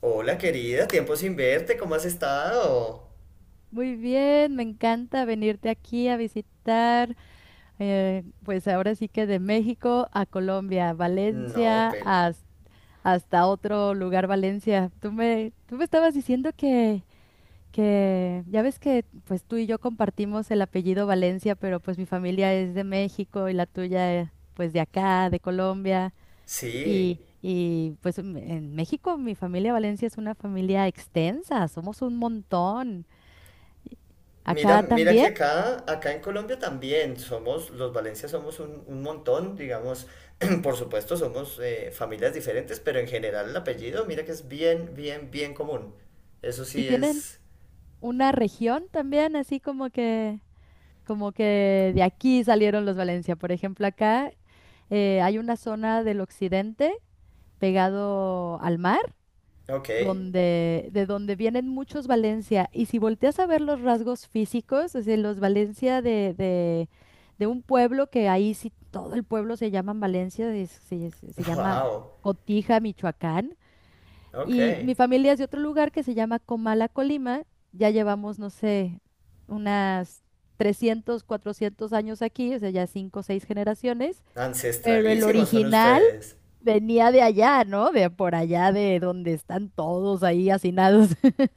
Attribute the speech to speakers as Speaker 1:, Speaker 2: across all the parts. Speaker 1: Hola querida, tiempo sin verte, ¿cómo has estado?
Speaker 2: Muy bien, me encanta venirte aquí a visitar, pues ahora sí que de México a Colombia,
Speaker 1: No,
Speaker 2: Valencia,
Speaker 1: pero
Speaker 2: hasta otro lugar, Valencia. Tú me estabas diciendo que, ya ves que pues tú y yo compartimos el apellido Valencia, pero pues mi familia es de México y la tuya pues de acá, de Colombia.
Speaker 1: sí.
Speaker 2: Y pues en México mi familia Valencia es una familia extensa, somos un montón.
Speaker 1: Mira,
Speaker 2: ¿Acá
Speaker 1: mira que
Speaker 2: también?
Speaker 1: acá en Colombia también somos, los Valencia somos un montón, digamos, por supuesto somos familias diferentes, pero en general el apellido, mira que es bien, bien, bien común. Eso
Speaker 2: Y
Speaker 1: sí
Speaker 2: tienen
Speaker 1: es,
Speaker 2: una región también, así como que de aquí salieron los Valencia. Por ejemplo, acá hay una zona del occidente pegado al mar,
Speaker 1: ok,
Speaker 2: de donde vienen muchos Valencia. Y si volteas a ver los rasgos físicos, es decir, los Valencia de un pueblo que ahí sí todo el pueblo se llama Valencia, se llama
Speaker 1: wow,
Speaker 2: Cotija, Michoacán.
Speaker 1: ok,
Speaker 2: Y mi familia es de otro lugar que se llama Comala, Colima. Ya llevamos, no sé, unas 300 400 años aquí, o sea, ya cinco o seis generaciones. Pero el
Speaker 1: ancestralísimos son
Speaker 2: original
Speaker 1: ustedes.
Speaker 2: venía de allá, ¿no? De por allá, de donde están todos ahí hacinados.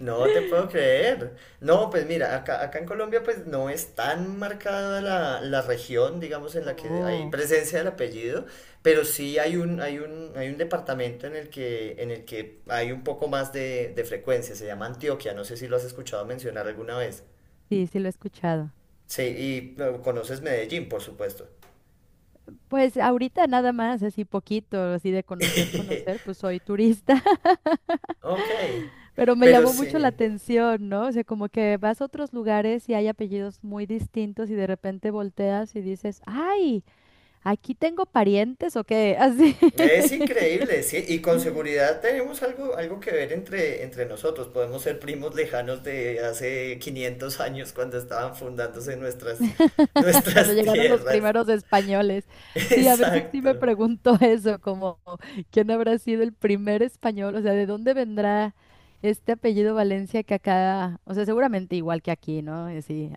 Speaker 1: No te puedo creer. No, pues mira, acá en Colombia pues no es tan marcada la región, digamos, en la que hay
Speaker 2: Oh,
Speaker 1: presencia del apellido, pero sí hay un departamento en el que, hay un poco más de frecuencia, se llama Antioquia, no sé si lo has escuchado mencionar alguna vez.
Speaker 2: sí, sí lo he escuchado.
Speaker 1: Sí, y bueno, conoces Medellín, por supuesto.
Speaker 2: Pues ahorita nada más, así poquito, así de conocer, conocer, pues soy turista.
Speaker 1: Ok,
Speaker 2: Pero me
Speaker 1: pero
Speaker 2: llamó mucho la
Speaker 1: sí.
Speaker 2: atención, ¿no? O sea, como que vas a otros lugares y hay apellidos muy distintos y de repente volteas y dices, ¡ay! Aquí tengo parientes o qué, así,
Speaker 1: Es increíble, sí, y con seguridad tenemos algo que ver entre nosotros. Podemos ser primos lejanos de hace 500 años cuando estaban fundándose nuestras,
Speaker 2: cuando
Speaker 1: nuestras
Speaker 2: llegaron los
Speaker 1: tierras.
Speaker 2: primeros españoles. Sí, a veces sí me
Speaker 1: Exacto.
Speaker 2: pregunto eso, como, ¿quién habrá sido el primer español? O sea, ¿de dónde vendrá este apellido Valencia que acá, o sea, seguramente igual que aquí, ¿no? Y sí,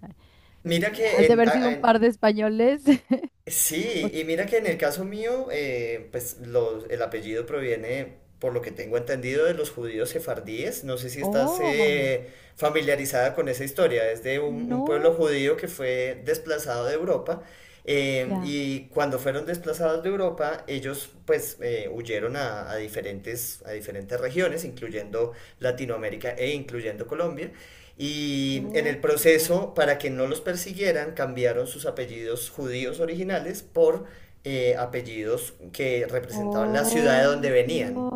Speaker 1: Mira
Speaker 2: ha
Speaker 1: que
Speaker 2: de
Speaker 1: en,
Speaker 2: haber sido
Speaker 1: a-
Speaker 2: un
Speaker 1: en-
Speaker 2: par de españoles. O-
Speaker 1: Sí, y mira que en el caso mío, pues el apellido proviene, por lo que tengo entendido, de los judíos sefardíes. No sé si estás
Speaker 2: Oh,
Speaker 1: familiarizada con esa historia. Es de un pueblo
Speaker 2: no.
Speaker 1: judío que fue desplazado de Europa. eh,
Speaker 2: Ya.
Speaker 1: y cuando fueron desplazados de Europa, ellos pues huyeron a diferentes regiones, incluyendo Latinoamérica e incluyendo Colombia. Y en el
Speaker 2: Oh.
Speaker 1: proceso, para que no los persiguieran, cambiaron sus apellidos judíos originales por apellidos que representaban la ciudad
Speaker 2: Oh.
Speaker 1: de donde venían.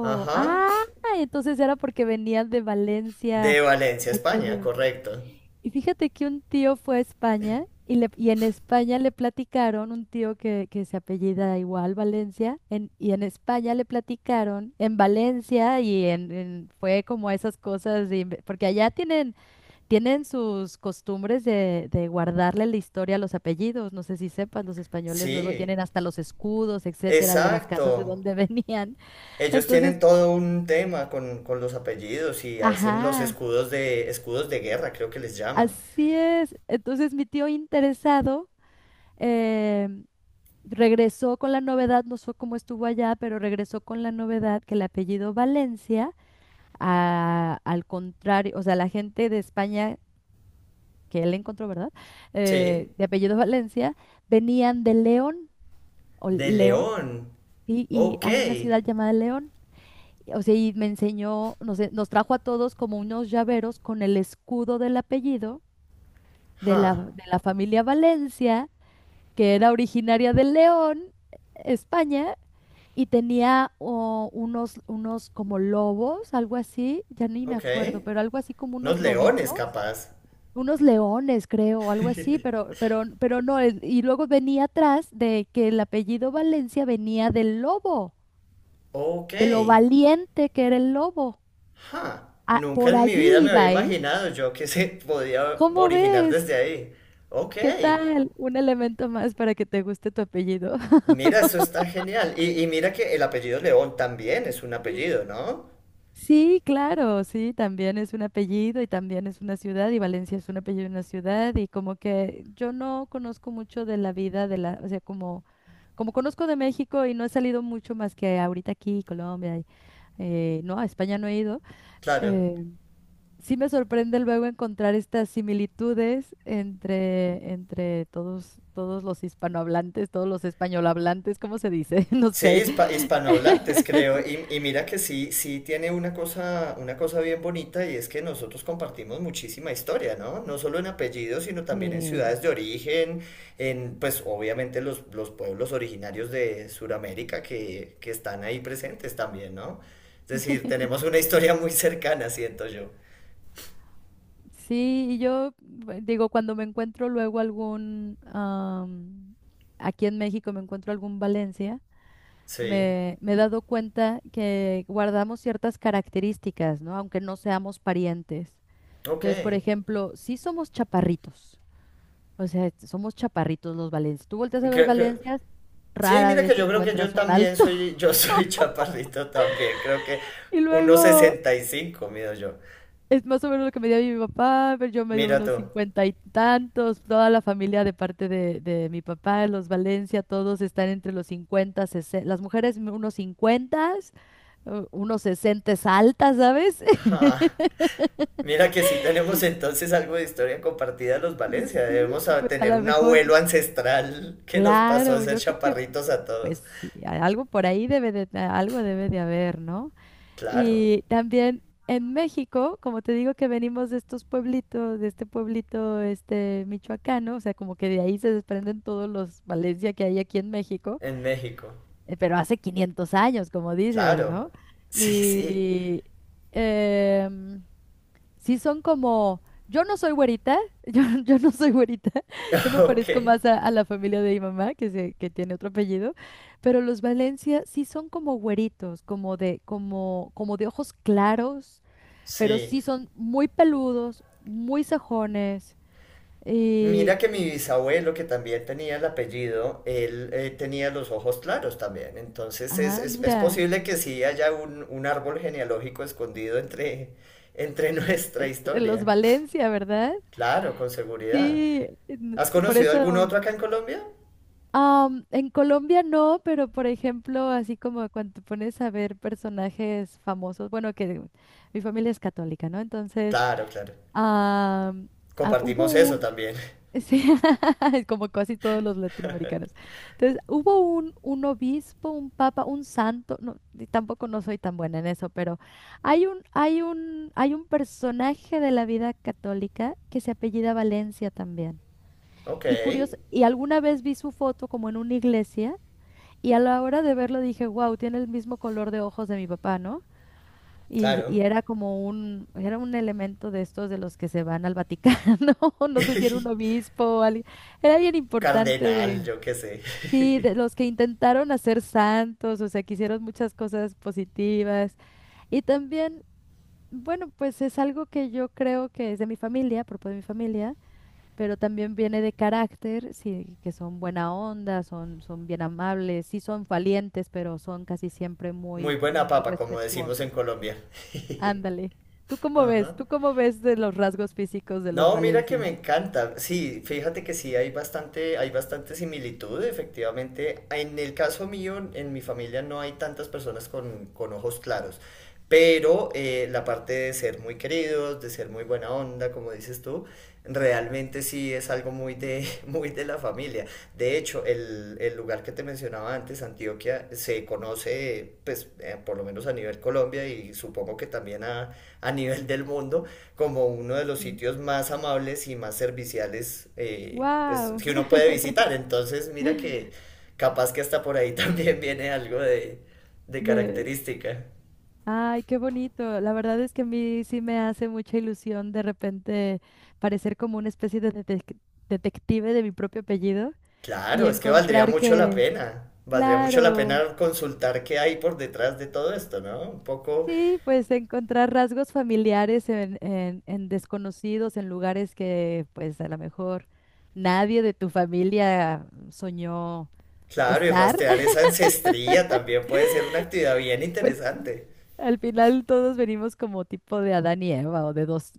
Speaker 1: Ajá.
Speaker 2: Ah, entonces era porque venían de Valencia
Speaker 1: De Valencia, España,
Speaker 2: aquello.
Speaker 1: correcto.
Speaker 2: Y fíjate que un tío fue a España y en España le platicaron, un tío que se apellida igual Valencia, y en España le platicaron, en Valencia y fue como esas cosas, porque allá tienen sus costumbres de guardarle la historia a los apellidos. No sé si sepas, los españoles luego
Speaker 1: Sí,
Speaker 2: tienen hasta los escudos, etcétera, de las casas de
Speaker 1: exacto.
Speaker 2: donde venían.
Speaker 1: Ellos tienen
Speaker 2: Entonces,
Speaker 1: todo un tema con los apellidos y hacen
Speaker 2: ajá,
Speaker 1: escudos de guerra, creo que les llaman.
Speaker 2: así es. Entonces, mi tío interesado em, regresó con la novedad, no sé cómo estuvo allá, pero regresó con la novedad que el apellido Valencia, al contrario, o sea, la gente de España que él encontró, ¿verdad?
Speaker 1: Sí.
Speaker 2: De apellido Valencia, venían de León. O
Speaker 1: De
Speaker 2: León,
Speaker 1: león.
Speaker 2: ¿sí? Y
Speaker 1: Ok.
Speaker 2: hay una ciudad llamada León. O sea, y me enseñó, no sé, nos trajo a todos como unos llaveros con el escudo del apellido de la,
Speaker 1: Ja.
Speaker 2: de la familia Valencia, que era originaria de León, España, y tenía unos como lobos, algo así, ya ni me
Speaker 1: Ok.
Speaker 2: acuerdo, pero algo así como
Speaker 1: Unos
Speaker 2: unos
Speaker 1: leones,
Speaker 2: lobitos,
Speaker 1: capaz.
Speaker 2: unos leones, creo, algo así, pero, no, y luego venía atrás de que el apellido Valencia venía del lobo,
Speaker 1: Ok.
Speaker 2: de lo valiente que era el lobo.
Speaker 1: Ja.
Speaker 2: Ah,
Speaker 1: Nunca
Speaker 2: por
Speaker 1: en mi vida
Speaker 2: allí
Speaker 1: me había
Speaker 2: iba, ¿eh?
Speaker 1: imaginado yo que se podía
Speaker 2: ¿Cómo
Speaker 1: originar
Speaker 2: ves?
Speaker 1: desde ahí. Ok.
Speaker 2: ¿Qué tal? Un elemento más para que te guste tu apellido.
Speaker 1: Mira, eso está genial. Y mira que el apellido León también es un apellido, ¿no?
Speaker 2: Sí, claro, sí, también es un apellido y también es una ciudad y Valencia es un apellido y una ciudad y como que yo no conozco mucho de la vida de la, o sea, como conozco de México y no he salido mucho más que ahorita aquí, Colombia, y, no, a España no he ido,
Speaker 1: Claro.
Speaker 2: eh, sí me sorprende luego encontrar estas similitudes entre todos los hispanohablantes, todos los españolhablantes, ¿cómo se dice? No
Speaker 1: Sí,
Speaker 2: sé.
Speaker 1: hispanohablantes, creo. Y mira que sí, sí tiene una cosa bien bonita y es que nosotros compartimos muchísima historia, ¿no? No solo en apellidos, sino también en ciudades
Speaker 2: Sí,
Speaker 1: de origen, pues obviamente los pueblos originarios de Sudamérica que están ahí presentes también, ¿no? Es decir, tenemos una historia muy cercana, siento yo.
Speaker 2: sí, y yo digo, cuando me encuentro luego aquí en México me encuentro algún Valencia,
Speaker 1: Sí,
Speaker 2: me he dado cuenta que guardamos ciertas características, ¿no? Aunque no seamos parientes.
Speaker 1: ok.
Speaker 2: Entonces, por ejemplo, sí somos chaparritos. O sea, somos chaparritos los Valencias. Tú volteas a ver
Speaker 1: Creo,
Speaker 2: Valencias,
Speaker 1: sí,
Speaker 2: rara
Speaker 1: mira
Speaker 2: vez
Speaker 1: que
Speaker 2: te
Speaker 1: yo creo que yo
Speaker 2: encuentras un
Speaker 1: también
Speaker 2: alto.
Speaker 1: soy, yo soy chaparrito también, creo que
Speaker 2: Y
Speaker 1: unos
Speaker 2: luego
Speaker 1: 65, mido yo.
Speaker 2: es más o menos lo que me dio mi papá, pero yo me dio
Speaker 1: Mira tú.
Speaker 2: unos cincuenta y tantos. Toda la familia de parte de mi papá, los Valencia, todos están entre los 50, 60. Las mujeres unos 50, unos 60 altas, ¿sabes?
Speaker 1: Ja, mira que sí tenemos entonces algo de historia compartida los Valencia,
Speaker 2: Sí,
Speaker 1: debemos
Speaker 2: pues a
Speaker 1: tener
Speaker 2: lo
Speaker 1: un
Speaker 2: mejor,
Speaker 1: abuelo ancestral que nos pasó a
Speaker 2: claro,
Speaker 1: ser
Speaker 2: yo creo que,
Speaker 1: chaparritos a
Speaker 2: pues
Speaker 1: todos.
Speaker 2: sí, algo por ahí debe de, algo debe de haber, ¿no?
Speaker 1: Claro,
Speaker 2: Y también en México, como te digo que venimos de estos pueblitos, de este pueblito este michoacano, o sea, como que de ahí se desprenden todos los Valencia que hay aquí en México,
Speaker 1: en México.
Speaker 2: pero hace 500 años, como dices,
Speaker 1: Claro.
Speaker 2: ¿no?
Speaker 1: Sí, sí.
Speaker 2: Y em, sí son como, yo no soy güerita, yo no soy güerita, yo me parezco
Speaker 1: Ok.
Speaker 2: más a la familia de mi mamá, que tiene otro apellido, pero los Valencia sí son como güeritos, como de ojos claros, pero
Speaker 1: Sí.
Speaker 2: sí son muy peludos, muy sajones,
Speaker 1: Mira
Speaker 2: y,
Speaker 1: que mi bisabuelo, que también tenía el apellido, él tenía los ojos claros también. Entonces es, es, es
Speaker 2: mira,
Speaker 1: posible que sí haya un árbol genealógico escondido entre nuestra
Speaker 2: eh, los
Speaker 1: historia.
Speaker 2: Valencia, ¿verdad?
Speaker 1: Claro, con seguridad.
Speaker 2: Sí,
Speaker 1: ¿Has
Speaker 2: por
Speaker 1: conocido algún
Speaker 2: eso...
Speaker 1: otro acá en Colombia?
Speaker 2: En Colombia no, pero por ejemplo, así como cuando te pones a ver personajes famosos, bueno, que mi familia es católica, ¿no? Entonces,
Speaker 1: Claro, claro.
Speaker 2: am, ah, hubo
Speaker 1: Compartimos eso
Speaker 2: un,
Speaker 1: también.
Speaker 2: sí, como casi todos los latinoamericanos. Entonces, hubo un obispo, un papa, un santo, no, y tampoco no soy tan buena en eso, pero hay un personaje de la vida católica que se apellida Valencia también.
Speaker 1: Ok,
Speaker 2: Y curioso, y alguna vez vi su foto como en una iglesia. Y a la hora de verlo dije, wow, tiene el mismo color de ojos de mi papá, ¿no? Y,
Speaker 1: claro.
Speaker 2: y era era un elemento de estos de los que se van al Vaticano, no sé si era un obispo o alguien, era bien importante
Speaker 1: Cardenal,
Speaker 2: de,
Speaker 1: yo qué sé.
Speaker 2: sí, de los que intentaron hacer santos, o sea, que hicieron muchas cosas positivas. Y también, bueno, pues es algo que yo creo que es de mi familia, propio de mi familia pero también viene de carácter, sí, que son buena onda, son bien amables, sí son valientes, pero son casi siempre
Speaker 1: Muy
Speaker 2: muy,
Speaker 1: buena
Speaker 2: muy
Speaker 1: papa, como decimos en
Speaker 2: respetuosos.
Speaker 1: Colombia.
Speaker 2: Ándale. ¿Tú cómo ves?
Speaker 1: Ajá.
Speaker 2: ¿Tú cómo ves de los rasgos físicos de los
Speaker 1: No, mira que me
Speaker 2: Valencia?
Speaker 1: encanta. Sí, fíjate que sí hay bastante similitud, efectivamente. En el caso mío, en mi familia no hay tantas personas con ojos claros, pero la parte de ser muy queridos, de ser muy buena onda, como dices tú, realmente sí es algo muy de, muy de la familia. De hecho, el lugar que te mencionaba antes, Antioquia, se conoce, pues, por lo menos a nivel Colombia y supongo que también a nivel del mundo como uno de los sitios más amables y más serviciales pues,
Speaker 2: Wow.
Speaker 1: que uno puede visitar. Entonces, mira que capaz que hasta por ahí también viene algo de
Speaker 2: de
Speaker 1: característica.
Speaker 2: Ay, qué bonito. La verdad es que a mí sí me hace mucha ilusión de repente parecer como una especie de detective de mi propio apellido y
Speaker 1: Claro, es que valdría
Speaker 2: encontrar
Speaker 1: mucho la
Speaker 2: que,
Speaker 1: pena. Valdría mucho la
Speaker 2: claro,
Speaker 1: pena consultar qué hay por detrás de todo esto, ¿no? Un poco,
Speaker 2: sí, pues encontrar rasgos familiares en desconocidos, en lugares que pues a lo mejor nadie de tu familia soñó
Speaker 1: claro, y
Speaker 2: estar.
Speaker 1: rastrear esa ancestría también puede ser una actividad bien
Speaker 2: Pues
Speaker 1: interesante.
Speaker 2: al final todos venimos como tipo de Adán y Eva o de dos,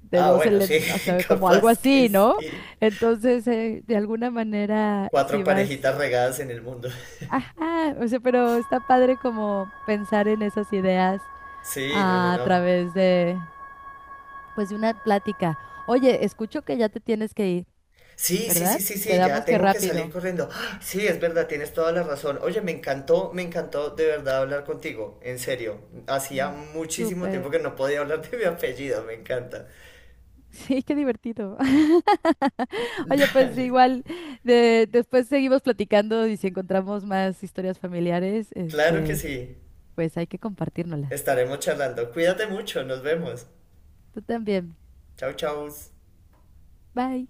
Speaker 1: Ah, bueno, sí,
Speaker 2: elementos, o sea, como algo
Speaker 1: capaz que
Speaker 2: así, ¿no?
Speaker 1: sí.
Speaker 2: Entonces, de alguna manera, si
Speaker 1: Cuatro
Speaker 2: vas,
Speaker 1: parejitas regadas en el mundo.
Speaker 2: ajá, o sea, pero está padre como pensar en esas ideas
Speaker 1: Sí, no, no,
Speaker 2: a
Speaker 1: no.
Speaker 2: través de, pues, de una plática. Oye, escucho que ya te tienes que ir,
Speaker 1: Sí, sí, sí,
Speaker 2: ¿verdad?
Speaker 1: sí, sí, ya
Speaker 2: Quedamos que
Speaker 1: tengo que salir
Speaker 2: rápido.
Speaker 1: corriendo. ¡Ah! Sí, es verdad, tienes toda la razón. Oye, me encantó de verdad hablar contigo, en serio. Hacía
Speaker 2: Mm.
Speaker 1: muchísimo
Speaker 2: Súper.
Speaker 1: tiempo que no podía hablar de mi apellido, me encanta.
Speaker 2: Sí, qué divertido. Oye, pues
Speaker 1: Dale,
Speaker 2: igual después seguimos platicando y si encontramos más historias familiares,
Speaker 1: claro que sí,
Speaker 2: pues hay que compartírnoslas.
Speaker 1: estaremos charlando. Cuídate mucho, nos vemos.
Speaker 2: Tú también.
Speaker 1: Chau, chau.
Speaker 2: Bye.